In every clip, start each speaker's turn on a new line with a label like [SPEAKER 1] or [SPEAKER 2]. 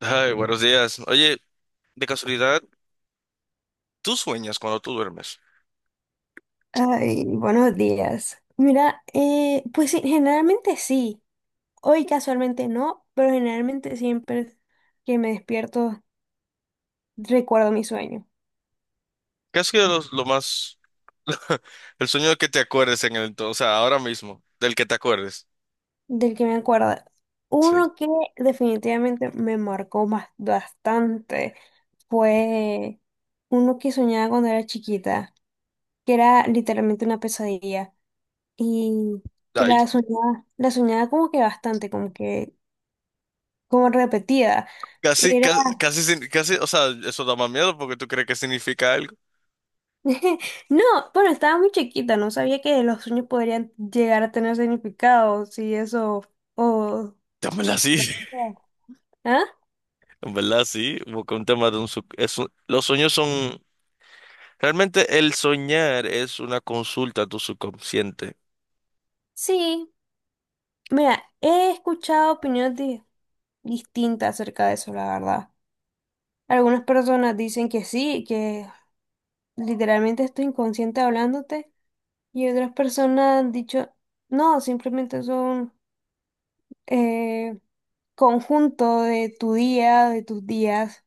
[SPEAKER 1] Ay, buenos días. Oye, de casualidad, ¿tú sueñas cuando tú duermes?
[SPEAKER 2] Ay, buenos días. Mira, pues sí, generalmente sí. Hoy casualmente no, pero generalmente siempre que me despierto recuerdo mi sueño,
[SPEAKER 1] ¿Qué ha sido lo más, el sueño que te acuerdes en el entonces, o sea, ahora mismo, del que te acuerdes?
[SPEAKER 2] del que me acuerdo.
[SPEAKER 1] Sí.
[SPEAKER 2] Uno que definitivamente me marcó más, bastante fue uno que soñaba cuando era chiquita, que era literalmente una pesadilla y que
[SPEAKER 1] Ay,
[SPEAKER 2] la soñaba como que bastante, como repetida.
[SPEAKER 1] casi, casi, casi, casi, o sea, eso da más miedo porque tú crees que significa algo.
[SPEAKER 2] No, bueno, estaba muy chiquita, no sabía que los sueños podrían llegar a tener significado, si eso, o...
[SPEAKER 1] En verdad sí,
[SPEAKER 2] ¿Ah?
[SPEAKER 1] en verdad sí, porque un tema de un, sub- es un- los sueños son, realmente el soñar es una consulta a tu subconsciente.
[SPEAKER 2] Sí, mira, he escuchado opiniones distintas acerca de eso, la verdad. Algunas personas dicen que sí, que literalmente estoy inconsciente hablándote, y otras personas han dicho, no, simplemente son eh, conjunto de tu día, de tus días.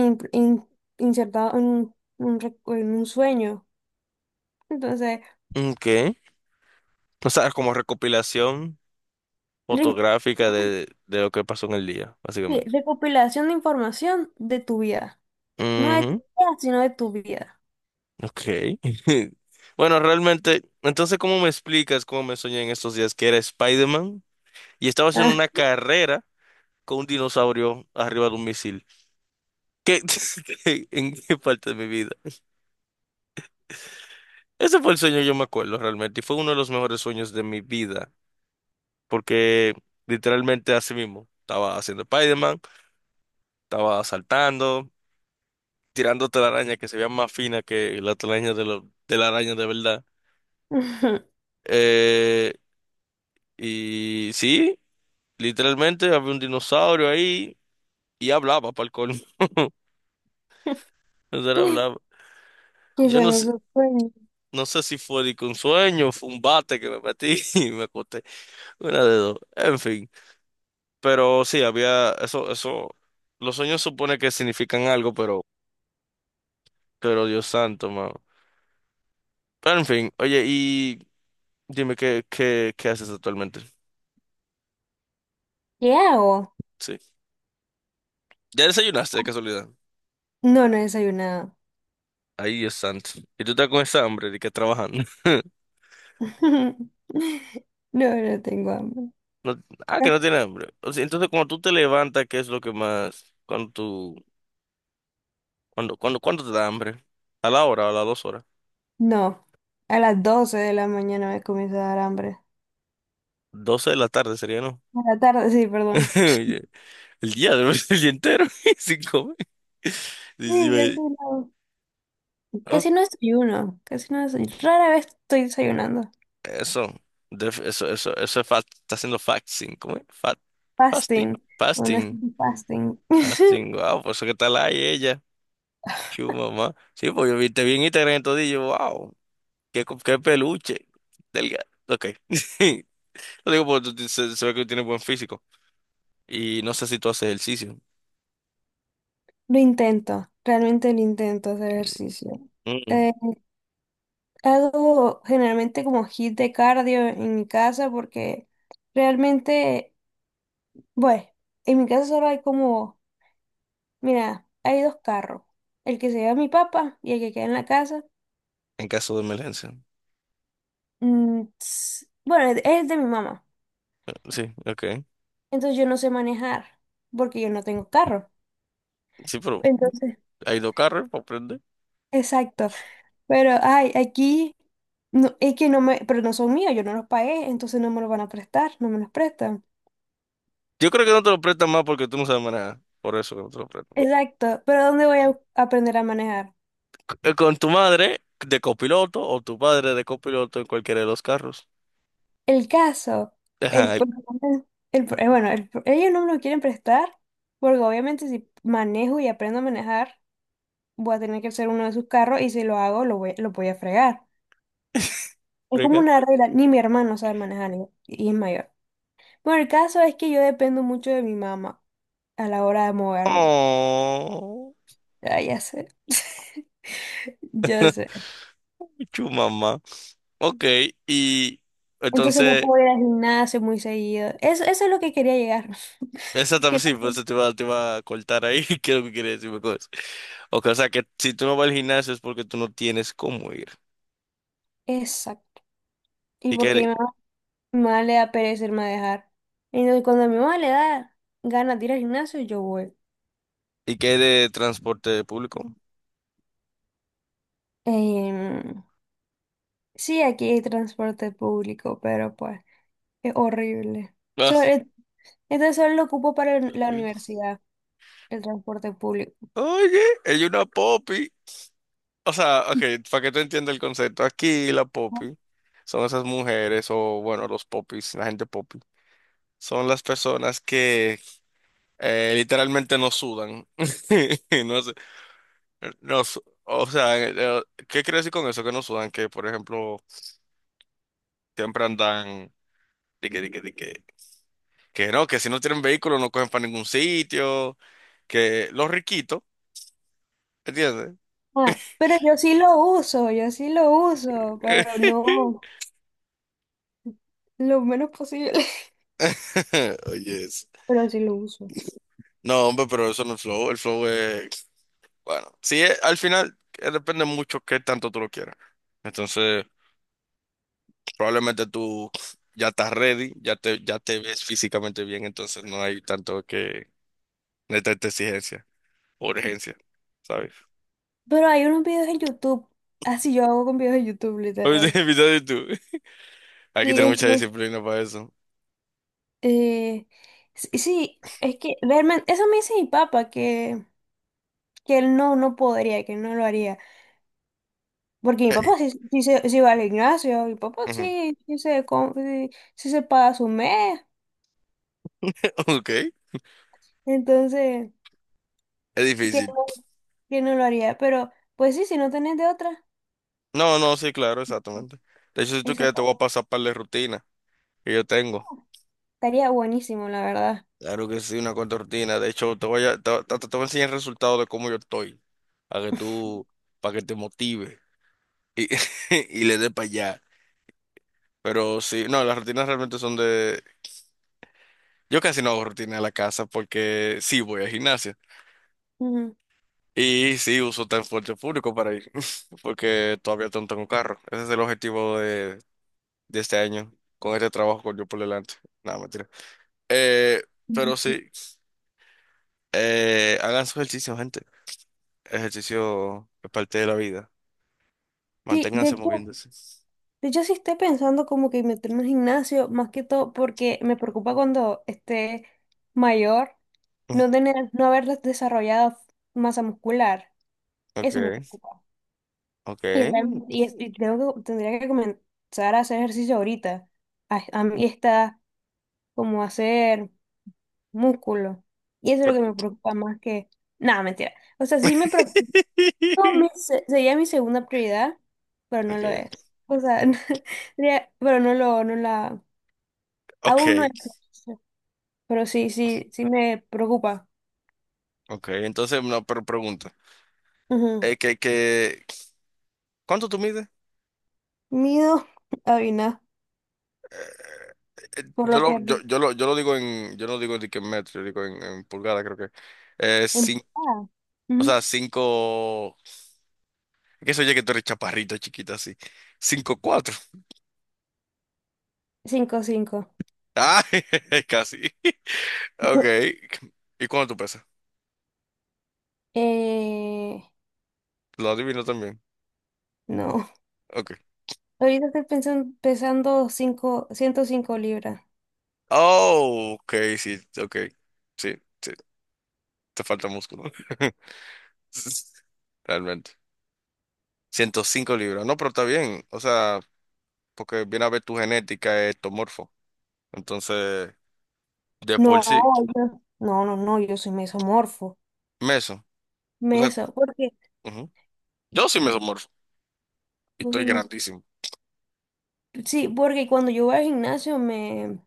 [SPEAKER 2] in- in- insertado en un en un sueño. Entonces,
[SPEAKER 1] ¿Qué? O sea, como recopilación
[SPEAKER 2] re-
[SPEAKER 1] fotográfica de lo que pasó en el día,
[SPEAKER 2] sí,
[SPEAKER 1] básicamente.
[SPEAKER 2] recopilación de información de tu vida. No de tu
[SPEAKER 1] Ujú,
[SPEAKER 2] vida, sino de tu vida.
[SPEAKER 1] ok. Bueno, realmente, entonces, ¿cómo me explicas cómo me soñé en estos días que era Spider-Man y estaba haciendo
[SPEAKER 2] Ah.
[SPEAKER 1] una carrera con un dinosaurio arriba de un misil? ¿Qué, en qué parte de mi vida? Ese fue el sueño, yo me acuerdo realmente, y fue uno de los mejores sueños de mi vida, porque literalmente así mismo, estaba haciendo Spider-Man, estaba saltando, tirando telaraña que se vean más fina que la telaraña de la araña de verdad. Eh, y sí, literalmente había un dinosaurio ahí y hablaba para el colmo. O sea, hablaba.
[SPEAKER 2] ¿Qué
[SPEAKER 1] Yo
[SPEAKER 2] son
[SPEAKER 1] no sé,
[SPEAKER 2] esos sueños?
[SPEAKER 1] no sé si fue de que un sueño, fue un bate que me metí y me acosté. Una de dos. En fin. Pero sí, había eso, eso. Los sueños supone que significan algo, pero, Dios santo, mano. Pero en fin, oye, y dime qué haces actualmente.
[SPEAKER 2] ¿Qué hago?
[SPEAKER 1] Sí. ¿Ya desayunaste de casualidad?
[SPEAKER 2] No, no he desayunado.
[SPEAKER 1] Ahí es santo. Y tú estás con esa hambre de que trabajando.
[SPEAKER 2] No, no tengo hambre.
[SPEAKER 1] No- ah,
[SPEAKER 2] Ah,
[SPEAKER 1] que no tienes hambre. O sea, entonces, cuando tú te levantas, ¿qué es lo que más? Cuando tú, cuando, cuando, ¿Cuándo te da hambre? ¿A la hora o a las 2 horas?
[SPEAKER 2] no, a las 12:00 de la mañana me comienza a dar hambre.
[SPEAKER 1] 12 de la tarde sería, ¿no?
[SPEAKER 2] A la tarde, sí, perdón.
[SPEAKER 1] Oye, el día, el día entero sin comer.
[SPEAKER 2] Sí,
[SPEAKER 1] Sí, sí,
[SPEAKER 2] casi
[SPEAKER 1] ve.
[SPEAKER 2] no.
[SPEAKER 1] Oh,
[SPEAKER 2] Casi no desayuno, casi no desayuno. Rara vez estoy desayunando.
[SPEAKER 1] eso, Def- eso es fast, está haciendo fasting, ¿cómo es? Fasting,
[SPEAKER 2] Fasting. Bueno, es
[SPEAKER 1] fasting,
[SPEAKER 2] fasting.
[SPEAKER 1] fasting, wow, por eso que está la ella, chu mamá. Sí, pues yo vi te vi en Instagram todo y yo, wow. Qué peluche. Delgado. Ok. Lo digo porque tú se ve que tiene buen físico. Y no sé si tú haces ejercicio.
[SPEAKER 2] Lo intento, realmente lo intento hacer ejercicio.
[SPEAKER 1] Mm,
[SPEAKER 2] Eh, hago generalmente como hit de cardio en mi casa porque realmente, bueno, en mi casa solo hay como, mira, hay dos carros, el que se lleva mi papá y el que queda en la casa.
[SPEAKER 1] En caso de emergencia.
[SPEAKER 2] Bueno, es de mi mamá,
[SPEAKER 1] Sí, ok.
[SPEAKER 2] entonces yo no sé manejar porque yo no tengo carro.
[SPEAKER 1] Sí, pero
[SPEAKER 2] Entonces,
[SPEAKER 1] hay dos carros para prender.
[SPEAKER 2] exacto. Pero, ay, aquí no, es que no me, pero no son míos, yo no los pagué, entonces no me los van a prestar, no me los prestan.
[SPEAKER 1] Yo creo que no te lo prestan más porque tú no sabes manejar. Por eso que no te lo prestan.
[SPEAKER 2] Exacto, pero ¿dónde voy a aprender a manejar?
[SPEAKER 1] Con tu madre de copiloto o tu padre de copiloto en cualquiera de los carros.
[SPEAKER 2] El caso, el,
[SPEAKER 1] Ay,
[SPEAKER 2] pro- el pro- bueno, el pro- ellos no me lo quieren prestar, porque obviamente si manejo y aprendo a manejar, voy a tener que ser uno de sus carros y si lo hago, lo voy a fregar. Es como
[SPEAKER 1] rica.
[SPEAKER 2] una regla, ni mi hermano sabe manejar y es mayor. Bueno, el caso es que yo dependo mucho de mi mamá a la hora de moverme.
[SPEAKER 1] Oh,
[SPEAKER 2] Ah, ya sé. Ya sé.
[SPEAKER 1] chu mamá. Ok, y
[SPEAKER 2] Entonces no
[SPEAKER 1] entonces.
[SPEAKER 2] puedo ir al gimnasio muy seguido. Eso es lo que quería llegar. Que
[SPEAKER 1] Exactamente, sí,
[SPEAKER 2] no
[SPEAKER 1] por
[SPEAKER 2] puedo.
[SPEAKER 1] eso te iba a cortar ahí, que quieres decirme cosas. Ok, o sea que si tú no vas al gimnasio es porque tú no tienes cómo ir.
[SPEAKER 2] Exacto. Y
[SPEAKER 1] ¿Y qué,
[SPEAKER 2] porque mi
[SPEAKER 1] hay-
[SPEAKER 2] mamá, Mi mamá le da pereza irme a dejar. Entonces cuando a mi mamá le da ganas de ir al gimnasio, yo voy.
[SPEAKER 1] y qué hay de transporte público?
[SPEAKER 2] Em, sí, aquí hay transporte público, pero pues es horrible.
[SPEAKER 1] Ah,
[SPEAKER 2] So- eh, entonces solo lo ocupo para la
[SPEAKER 1] eh,
[SPEAKER 2] universidad, el transporte público.
[SPEAKER 1] Oye, hay una popi. O sea, ok, para que tú entiendas el concepto, aquí la popi son esas mujeres o, bueno, los popis, la gente popi. Son las personas que literalmente no sudan. No sé, no, o sea, ¿qué quiero decir con eso? Que no sudan, que por ejemplo... Siempre andan de que, que no, que si no tienen vehículo no cogen para ningún sitio, que los riquitos, ¿entiendes?
[SPEAKER 2] Ah, pero yo sí lo uso, yo sí lo uso, pero no lo menos posible,
[SPEAKER 1] Oye, eso.
[SPEAKER 2] pero sí lo uso.
[SPEAKER 1] No, hombre, pero eso no es flow. El flow es, bueno, sí, al final depende mucho qué tanto tú lo quieras. Entonces, probablemente tú ya estás ready, ya te ves físicamente bien, entonces no hay tanto que, no hay tanta exigencia o urgencia, ¿sabes?
[SPEAKER 2] Pero hay unos videos en YouTube, así yo hago con videos en YouTube,
[SPEAKER 1] Oye,
[SPEAKER 2] literal.
[SPEAKER 1] invitado tú. Hay que
[SPEAKER 2] Sí,
[SPEAKER 1] tener mucha
[SPEAKER 2] entonces,
[SPEAKER 1] disciplina para eso.
[SPEAKER 2] eh, sí, sí, es que realmente, eso me dice mi papá, que él no, no podría, que él no lo haría. Porque mi papá sí, sí, sí va al gimnasio, mi papá sí, sí se, sí, sí se paga su mes,
[SPEAKER 1] Ok,
[SPEAKER 2] entonces,
[SPEAKER 1] es
[SPEAKER 2] que
[SPEAKER 1] difícil.
[SPEAKER 2] no, que no lo haría. Pero, pues sí, si no tenés de otra.
[SPEAKER 1] No, no, sí, claro, exactamente. De hecho, si tú
[SPEAKER 2] Eso
[SPEAKER 1] quieres, te voy a pasar para la rutina que yo tengo.
[SPEAKER 2] estaría buenísimo, la verdad.
[SPEAKER 1] Claro que sí, una cuanta rutina. De hecho, te voy a enseñar el resultado de cómo yo estoy, para que tú, para que te motive y, y le dé para allá. Pero sí, no, las rutinas realmente son de... Yo casi no hago rutina en la casa porque sí voy al gimnasio
[SPEAKER 2] Ujú.
[SPEAKER 1] y sí uso transporte público para ir, porque todavía no tengo carro. Ese es el objetivo de este año con este trabajo con yo por delante. Nada, mentira. Eh, pero
[SPEAKER 2] Ujú.
[SPEAKER 1] sí, hagan su ejercicio, gente. Ejercicio es parte de la vida.
[SPEAKER 2] Sí,
[SPEAKER 1] Manténganse moviéndose.
[SPEAKER 2] de hecho sí estoy pensando como que meterme al gimnasio, más que todo porque me preocupa cuando esté mayor
[SPEAKER 1] Mm.
[SPEAKER 2] no tener, no haber desarrollado masa muscular.
[SPEAKER 1] Ok,
[SPEAKER 2] Eso me preocupa. Y,
[SPEAKER 1] ok.
[SPEAKER 2] realmente, y tendría que comenzar a hacer ejercicio ahorita. A mí está como hacer músculo. Y eso es lo que me
[SPEAKER 1] Pero-
[SPEAKER 2] preocupa más que... Nada, mentira. O sea, sí me preocupa. No, sería mi segunda prioridad, pero no lo
[SPEAKER 1] Ok,
[SPEAKER 2] es. O sea, no, sería, pero no lo, no la,
[SPEAKER 1] ok,
[SPEAKER 2] aún no es. Pero sí, sí, sí me preocupa.
[SPEAKER 1] ok. Entonces, no, pero pregunta.
[SPEAKER 2] Ujú.
[SPEAKER 1] Eh, que, que, ¿Cuánto tú mides?
[SPEAKER 2] Miedo, Avina, por
[SPEAKER 1] Yo
[SPEAKER 2] lo que
[SPEAKER 1] lo,
[SPEAKER 2] has
[SPEAKER 1] yo,
[SPEAKER 2] visto.
[SPEAKER 1] yo lo, yo lo digo en, yo no digo de que en metro, yo digo en pulgada, creo que. Eh, cin-
[SPEAKER 2] Empatada.
[SPEAKER 1] o
[SPEAKER 2] Ujú.
[SPEAKER 1] sea, cinco. Que eso ya que tú eres chaparrito, chiquita, así. 5'4".
[SPEAKER 2] 5'5".
[SPEAKER 1] Ah, casi. Ok.
[SPEAKER 2] Ujú.
[SPEAKER 1] ¿Y cuánto tú pesas?
[SPEAKER 2] Eh,
[SPEAKER 1] Lo adivino también.
[SPEAKER 2] no.
[SPEAKER 1] Ok.
[SPEAKER 2] Ahorita estoy pesando cinco, 105 libras.
[SPEAKER 1] Oh, ok, sí, ok. Sí, sí. Te falta músculo. Realmente. 105 libras. No, pero está bien. O sea, porque viene a ver tu genética ectomorfo. Entonces, de por
[SPEAKER 2] No,
[SPEAKER 1] sí,
[SPEAKER 2] no, no, no, yo soy mesomorfo.
[SPEAKER 1] meso. O sea,
[SPEAKER 2] Meso, porque
[SPEAKER 1] ujú. Yo soy mesomorfo. Y estoy grandísimo.
[SPEAKER 2] sí, porque cuando yo voy al gimnasio me,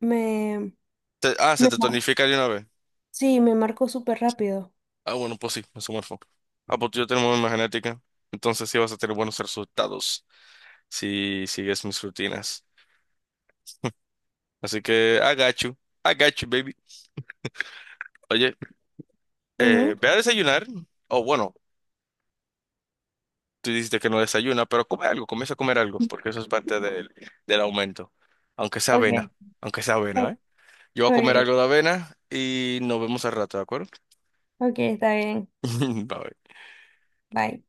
[SPEAKER 2] me,
[SPEAKER 1] Se
[SPEAKER 2] me
[SPEAKER 1] te
[SPEAKER 2] mar-
[SPEAKER 1] tonifica de una vez.
[SPEAKER 2] sí, me marco súper rápido.
[SPEAKER 1] Ah, bueno, pues sí, eso me fue. Ah, pues tú ya tenemos una genética. Entonces sí vas a tener buenos resultados si sigues mis rutinas. Así que, I got you. I got you, baby. Oye,
[SPEAKER 2] Ujú.
[SPEAKER 1] ve a desayunar. O bueno, tú dijiste que no desayuna, pero come algo, comienza a comer algo, porque eso es parte del aumento. Aunque sea avena,
[SPEAKER 2] Ok,
[SPEAKER 1] aunque sea avena,
[SPEAKER 2] ok,
[SPEAKER 1] ¿eh? Yo voy a comer
[SPEAKER 2] ok,
[SPEAKER 1] algo de avena y nos vemos al rato, ¿de acuerdo?
[SPEAKER 2] ok, está bien.
[SPEAKER 1] Bye.
[SPEAKER 2] Bye.